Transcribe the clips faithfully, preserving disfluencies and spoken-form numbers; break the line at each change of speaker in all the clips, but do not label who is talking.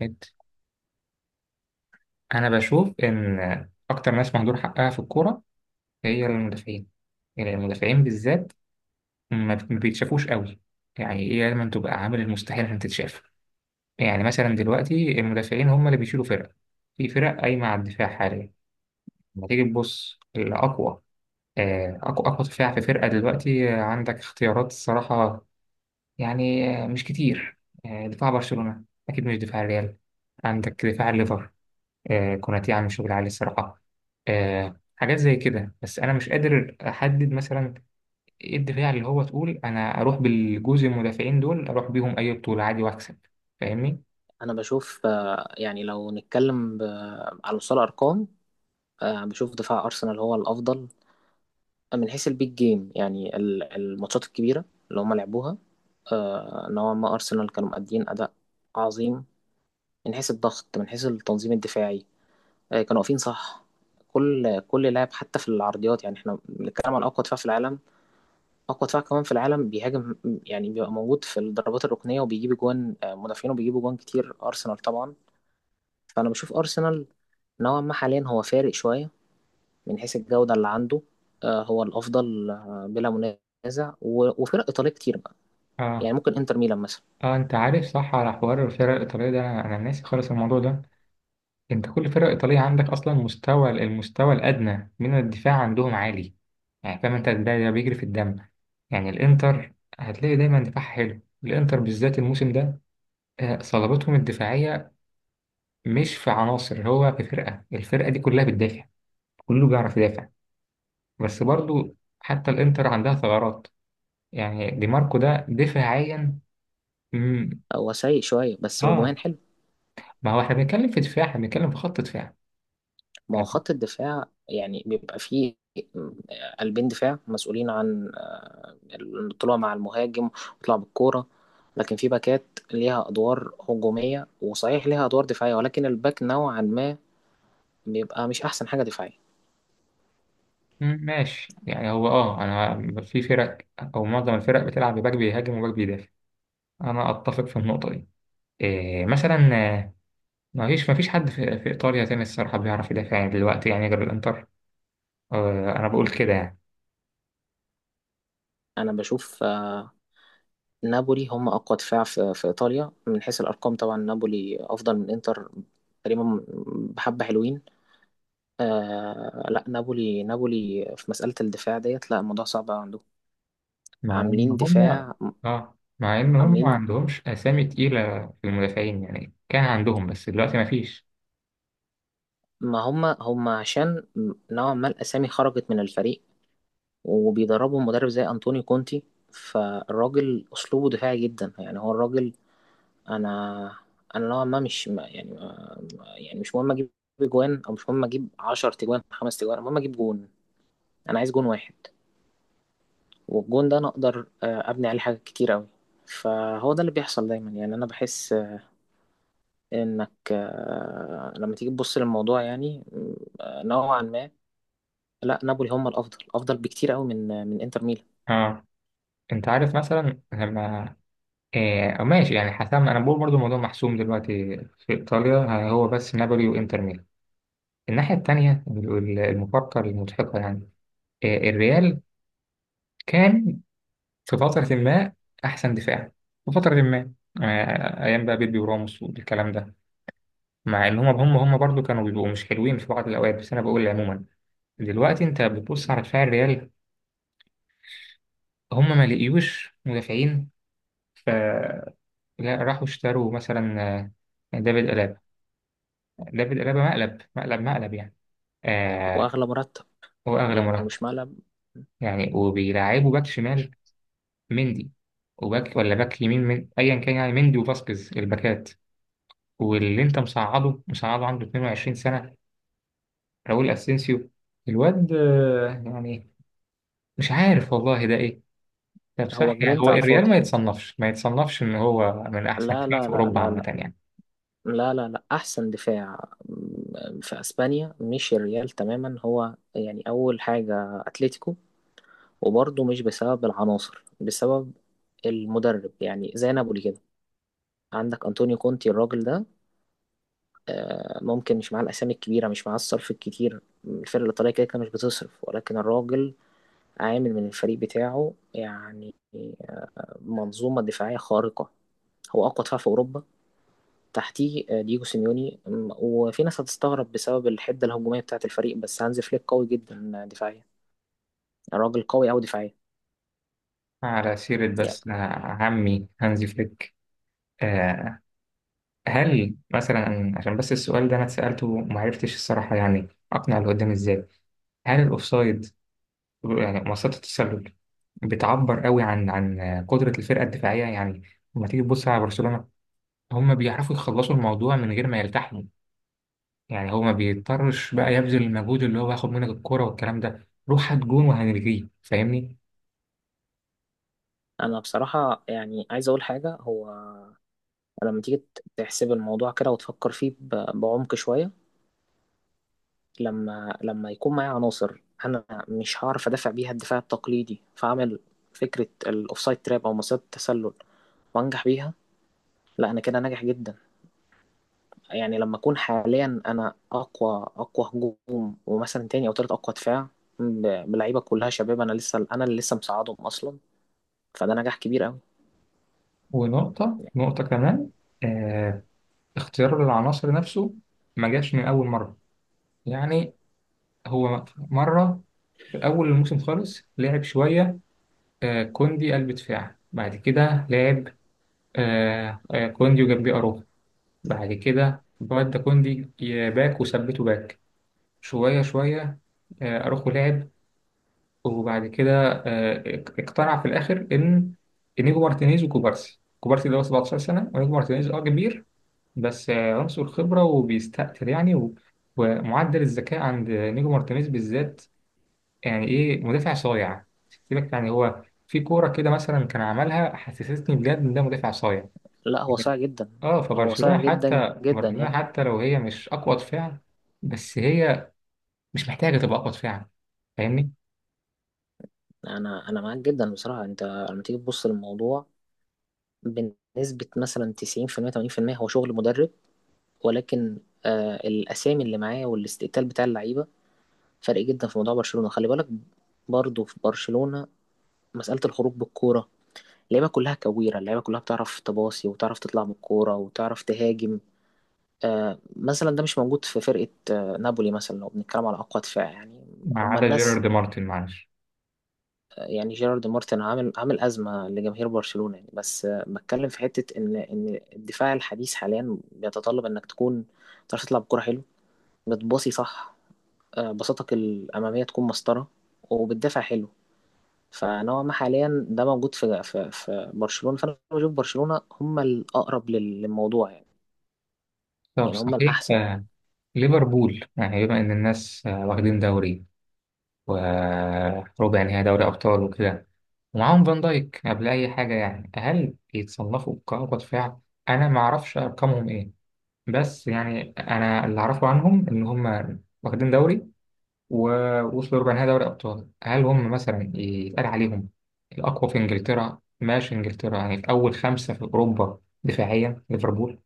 جد. انا بشوف ان اكتر ناس مهدور حقها في الكوره هي المدافعين. يعني المدافعين بالذات ما بت- ما بيتشافوش قوي. يعني ايه، دايما تبقى عامل المستحيل عشان تتشاف. يعني مثلا دلوقتي المدافعين هم اللي بيشيلوا فرق، في فرق قايمه على الدفاع حاليا. لما تيجي تبص الاقوى، آه، اقوى اقوى دفاع في فرقه دلوقتي، آه، عندك اختيارات الصراحه. يعني آه، مش كتير. آه، دفاع برشلونه اكيد مش دفاع الريال. عندك دفاع الليفر، آه، كوناتي عامل شغل عالي الصراحة. آه، حاجات زي كده، بس أنا مش قادر أحدد مثلا إيه الدفاع اللي هو تقول أنا أروح بالجزء المدافعين دول، أروح بيهم أي بطولة عادي وأكسب. فاهمني؟
انا بشوف آه، يعني لو نتكلم ب- على مستوى الارقام. آه، بشوف دفاع ارسنال هو الافضل من حيث البيج جيم، يعني ال- الماتشات الكبيره اللي هم لعبوها. آه، نوعا ما ارسنال كانوا مؤدين اداء عظيم، من حيث الضغط، من حيث التنظيم الدفاعي. آه، كانوا واقفين صح، كل كل لاعب حتى في العرضيات. يعني احنا بنتكلم عن اقوى دفاع في العالم. اقوى دفاع كمان في العالم بيهاجم، يعني بيبقى موجود في الضربات الركنيه وبيجيب جوان. آه، مدافعين وبيجيبوا جوان كتير ارسنال طبعا. فأنا بشوف أرسنال نوعا ما حاليا هو فارق شوية من حيث الجودة اللي عنده. آه، هو الأفضل آه، بلا منازع، و- وفرق إيطالية كتير بقى، يعني
آه.
ممكن إنتر ميلان مثلا.
آه أنت عارف صح؟ على حوار الفرق الإيطالية ده أنا أنا ناسي خالص الموضوع ده. أنت كل فرقة إيطالية عندك أصلا مستوى، المستوى الأدنى من الدفاع عندهم عالي. يعني فاهم أنت، ده ده بيجري في الدم. يعني الانتر، هتلاقي دايما دفاعها حلو، الانتر بالذات الموسم ده. آه، صلابتهم الدفاعية مش في عناصر، هو في فرقة، الفرقة دي كلها بتدافع، كله بيعرف يدافع. بس برضو حتى الانتر عندها ثغرات، يعني دي ماركو ده دفاعيا. مم.
هو سيء شوية بس هجوميا
اه.
حلو.
ما هو احنا بنتكلم في دفاع، احنا بنتكلم في خط دفاع.
ما هو
عادي.
خط الدفاع يعني بيبقى فيه آه، قلبين دفاع مسؤولين عن آه، الطلوع مع المهاجم وطلع بالكورة، لكن في باكات ليها أدوار هجومية، وصحيح ليها أدوار دفاعية، ولكن الباك نوعا ما بيبقى مش أحسن حاجة دفاعية.
مم، ماشي. يعني هو اه انا في فرق او معظم الفرق بتلعب بباك بيهاجم وباك بيدافع، انا اتفق في النقطة دي. إيه مثلا؟ آه، ما فيش ما فيش حد في, في ايطاليا تاني الصراحة بيعرف يدافع يعني دلوقتي، يعني غير الانتر. آه انا بقول كده يعني.
أنا بشوف آه، نابولي هم أقوى دفاع في, في إيطاليا من حيث الأرقام. طبعا نابولي أفضل من إنتر تقريبا، بحبة حلوين. آه لا، نابولي نابولي في مسألة الدفاع ديت، لا، الموضوع صعب أوي عندهم.
مع إن
عاملين
هم،
دفاع،
آه مع إن هم ما
عاملين.
عندهمش أسامي تقيلة في المدافعين، يعني كان عندهم بس دلوقتي ما فيش.
ما هم هم عشان نوعا ما الأسامي خرجت من الفريق، وبيدربهم مدرب زي أنطونيو كونتي، فالراجل أسلوبه دفاعي جدا. يعني هو الراجل، أنا أنا نوعا ما مش يعني، يعني مش مهم اجيب جوان، او مش مهم اجيب عشرة تجوان، خمس تجوان، المهم اجيب جون. انا عايز جون واحد، والجون ده انا اقدر آه، ابني عليه حاجات كتير قوي. فهو ده اللي بيحصل دايما. يعني انا بحس آه، انك آه، لما تيجي تبص للموضوع يعني آه، نوعا ما، لا، نابولي هم الافضل، افضل بكتير قوي من آه، من انتر ميلان.
آه أنت عارف مثلا لما، آه ماشي. يعني حسام أنا بقول برضو الموضوع محسوم دلوقتي في إيطاليا، آه، هو بس نابولي وإنتر ميلان. الناحية التانية، ال- المفارقة المضحكة يعني، آه الريال كان في فترة ما أحسن دفاع، في فترة ما، آه أيام بقى بيبي وراموس والكلام ده. مع إن هم هم هم برضو كانوا بيبقوا مش حلوين في بعض الأوقات، بس أنا بقول عموما دلوقتي انت بتبص على دفاع الريال، هم ما لقيوش مدافعين. فلا، راحوا اشتروا مثلا آه، دافيد ألابا. دافيد ألابا مقلب مقلب مقلب يعني. آه.
واغلى مرتب،
هو أغلى
يعني هو
مرتب
مش مقلب،
يعني. وبيلعبوا باك شمال مندي، وباك ولا باك يمين من أيا كان، يعني مندي وفاسكيز الباكات. واللي أنت مصعده مصعده عنده اتنين وعشرين سنة، راؤول أسينسيو الواد، آه، يعني مش عارف والله ده إيه. طب
هو
صح، يعني
جرينت
هو
على
الريال ما
الفاضي.
يتصنفش ما يتصنفش ان هو من احسن
لا
فرق في
لا لا
اوروبا
لا
عامه
لا
يعني؟
لا لا لا، احسن دفاع م- في اسبانيا مش الريال تماما. هو يعني اول حاجه اتلتيكو، وبرضه مش بسبب العناصر، بسبب المدرب، يعني زي نابولي كده. عندك انطونيو كونتي الراجل ده آه، ممكن مش معاه الاسامي الكبيره، مش معاه الصرف الكتير، الفرقه الايطاليه كده كده مش بتصرف، ولكن الراجل عامل من الفريق بتاعه يعني منظومه دفاعيه خارقه. هو اقوى دفاع في اوروبا، تحتيه آه، دييجو سيميوني. أم- وفي ناس هتستغرب بسبب الحدة الهجومية بتاعة الفريق، بس هانز فليك قوي جدا دفاعيا، الراجل قوي أوي دفاعيا
على سيرة
يعني.
بس، آه، عمي هانزي فليك، آه، هل مثلا، عشان بس السؤال ده انا اتسألته وما عرفتش الصراحة يعني اقنع اللي قدامي ازاي، هل الاوفسايد يعني مسطرة التسلل بتعبر قوي عن عن قدرة الفرقة الدفاعية؟ يعني لما تيجي تبص على برشلونة، هم بيعرفوا يخلصوا الموضوع من غير ما يلتحموا. يعني هو ما بيضطرش بقى يبذل المجهود اللي هو هياخد منك الكرة والكلام ده، روح هات جون وهنلغيه. فاهمني؟
أنا بصراحة يعني عايز أقول حاجة، هو لما تيجي تحسب الموضوع كده وتفكر فيه ب- بعمق شوية، لما لما يكون معايا عناصر أنا مش هعرف أدافع بيها الدفاع التقليدي، فأعمل فكرة الأوفسايد تراب أو مصيدة التسلل وأنجح بيها، لا، أنا كده ناجح جدا. يعني لما اكون حاليا انا اقوى اقوى هجوم، ومثلا تاني او تالت اقوى دفاع، ب- بلعيبه كلها شباب، انا لسه، انا اللي لسه مساعدهم اصلا، فده نجاح كبير قوي.
ونقطة نقطة كمان، آه اختيار العناصر نفسه ما جاش من أول مرة. يعني هو مرة في أول الموسم خالص لعب شوية آه كوندي قلب دفاع. بعد كده لعب آه آه كوندي وجنبيه أروخو. بعد كده بعد كوندي ي- باك وثبته باك، شوية شوية. آه، أروخو لعب، وبعد كده آه، اقتنع في الاخر ان انيجو مارتينيز وكوبارسي. كوبارسي ده هو سبعتاشر سنه، وانيجو مارتينيز اه كبير بس آه، عنصر خبره وبيستقتل يعني. و- ومعدل الذكاء عند انيجو مارتينيز بالذات، يعني ايه، مدافع صايع. سيبك، يعني هو في كوره كده مثلا كان عملها حسستني بجد ان ده مدافع صايع.
لا، هو صعب جدا،
اه
هو
فبرشلونه،
صعب جدا
حتى
جدا
برشلونه
يعني.
حتى لو هي مش اقوى دفاع، بس هي مش محتاجه تبقى اقوى دفاع. فاهمني؟
انا انا معاك جدا بصراحه. انت لما تيجي تبص للموضوع بنسبه مثلا تسعين في المية تمانين بالمية هو شغل مدرب، ولكن آه الاسامي اللي معاه والاستقتال بتاع اللعيبه فرق جدا في موضوع برشلونه. خلي بالك برضه في برشلونه، مساله الخروج بالكوره، اللعيبه كلها كويره، اللعيبه كلها بتعرف تباصي وتعرف تطلع من الكوره وتعرف تهاجم. آه مثلا ده مش موجود في فرقه آه نابولي مثلا، لو بنتكلم على اقوى دفاع يعني.
ما
هما
عدا
الناس
جيرارد مارتن، معلش.
آه، يعني جيرارد مارتن عامل عامل ازمه لجماهير برشلونه، يعني بس آه بتكلم في حته ان ان الدفاع الحديث حاليا بيتطلب انك تكون تعرف تطلع بكوره حلو، بتباصي صح، آه بساطتك الاماميه تكون مسطره، وبتدافع حلو. فنوعا ما حاليا ده موجود في في, في برشلونة. فأنا بشوف برشلونة هم الأقرب لل- للموضوع، يعني
طب
يعني هم
صحيح،
الأحسن.
آه، ليفربول، يعني بما إن الناس آه، واخدين دوري وربع نهائي دوري أبطال وكده، ومعاهم فان دايك قبل أي حاجة، يعني هل يتصنفوا كرة دفاع؟ أنا ما أعرفش أرقامهم إيه، بس يعني أنا اللي أعرفه عنهم إن هم واخدين دوري ووصلوا ربع نهائي دوري أبطال. هل هم مثلا يتقال عليهم الأقوى في إنجلترا؟ ماشي إنجلترا، يعني في أول خمسة في أوروبا دفاعيا ليفربول؟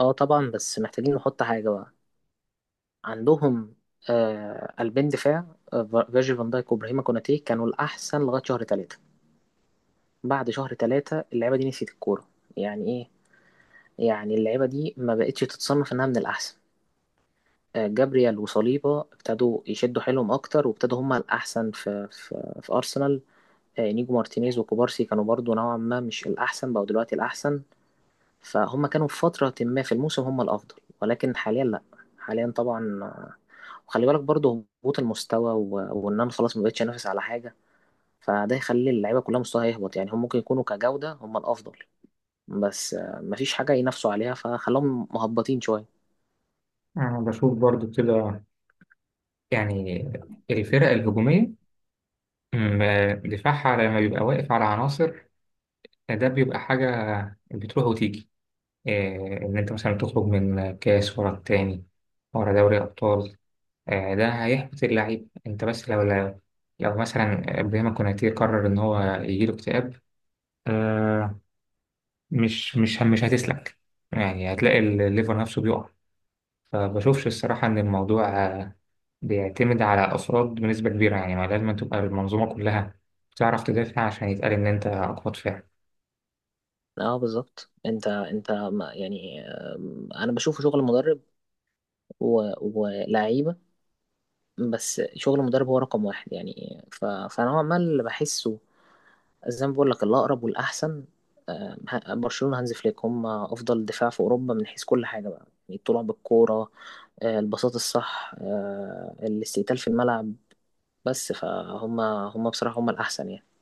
اه طبعا، بس محتاجين نحط حاجة بقى، عندهم آه قلبين دفاع، آه، فا- فيرجيل فان دايك وابراهيم كوناتي كانوا الأحسن لغاية شهر ثلاثة. بعد شهر ثلاثة اللعيبة دي نسيت الكورة. يعني ايه؟ يعني اللعيبة دي ما بقتش تتصنف انها من الأحسن. آه، جابريال وصليبا ابتدوا يشدوا حيلهم اكتر، وابتدوا هما الاحسن في في, في ارسنال. آه، انيجو مارتينيز وكوبارسي كانوا برضو نوعا ما مش الاحسن، بقوا دلوقتي الاحسن. فهم كانوا في فتره ما في الموسم هم الافضل، ولكن حاليا لا. حاليا طبعا آه، وخلي بالك برضو هبوط المستوى و- وان انا خلاص ما بقتش انافس على حاجه، فده يخلي اللعيبه كلها مستواها يهبط. يعني هم ممكن يكونوا كجوده هم الافضل، بس آه، مفيش حاجه ينافسوا عليها فخلاهم مهبطين شويه.
أنا بشوف برضو كده، يعني الفرق الهجومية م- دفاعها لما بيبقى واقف على عناصر، ده بيبقى حاجة بتروح وتيجي. إيه، إن أنت مثلا تخرج من كاس ورا التاني ورا دوري أبطال، آه، ده هيحبط اللعيب. أنت بس لو لو, لو مثلا إبراهيم كوناتي قرر إن هو يجيله اكتئاب، آه، مش مش مش هتسلك، يعني هتلاقي الليفر نفسه بيقع. فبشوفش الصراحة إن الموضوع آه، بيعتمد على أفراد بنسبة كبيرة، يعني ما لازم تبقى المنظومة كلها بتعرف تدافع عشان يتقال إن أنت أقوى دفاع.
اه بالظبط، انت انت ما- يعني آم، انا بشوف شغل مدرب، و- ولعيبه، بس شغل المدرب هو رقم واحد. يعني ف- فانا عمال اللي بحسه زي ما بقول لك الاقرب والاحسن. آم، ه- برشلونه هانز فليك هم افضل دفاع في اوروبا من حيث كل حاجه بقى. يعني الطلوع بالكوره، آه، البساط الصح، آه، الاستقتال في الملعب. بس فهم هم بصراحه هم الاحسن يعني.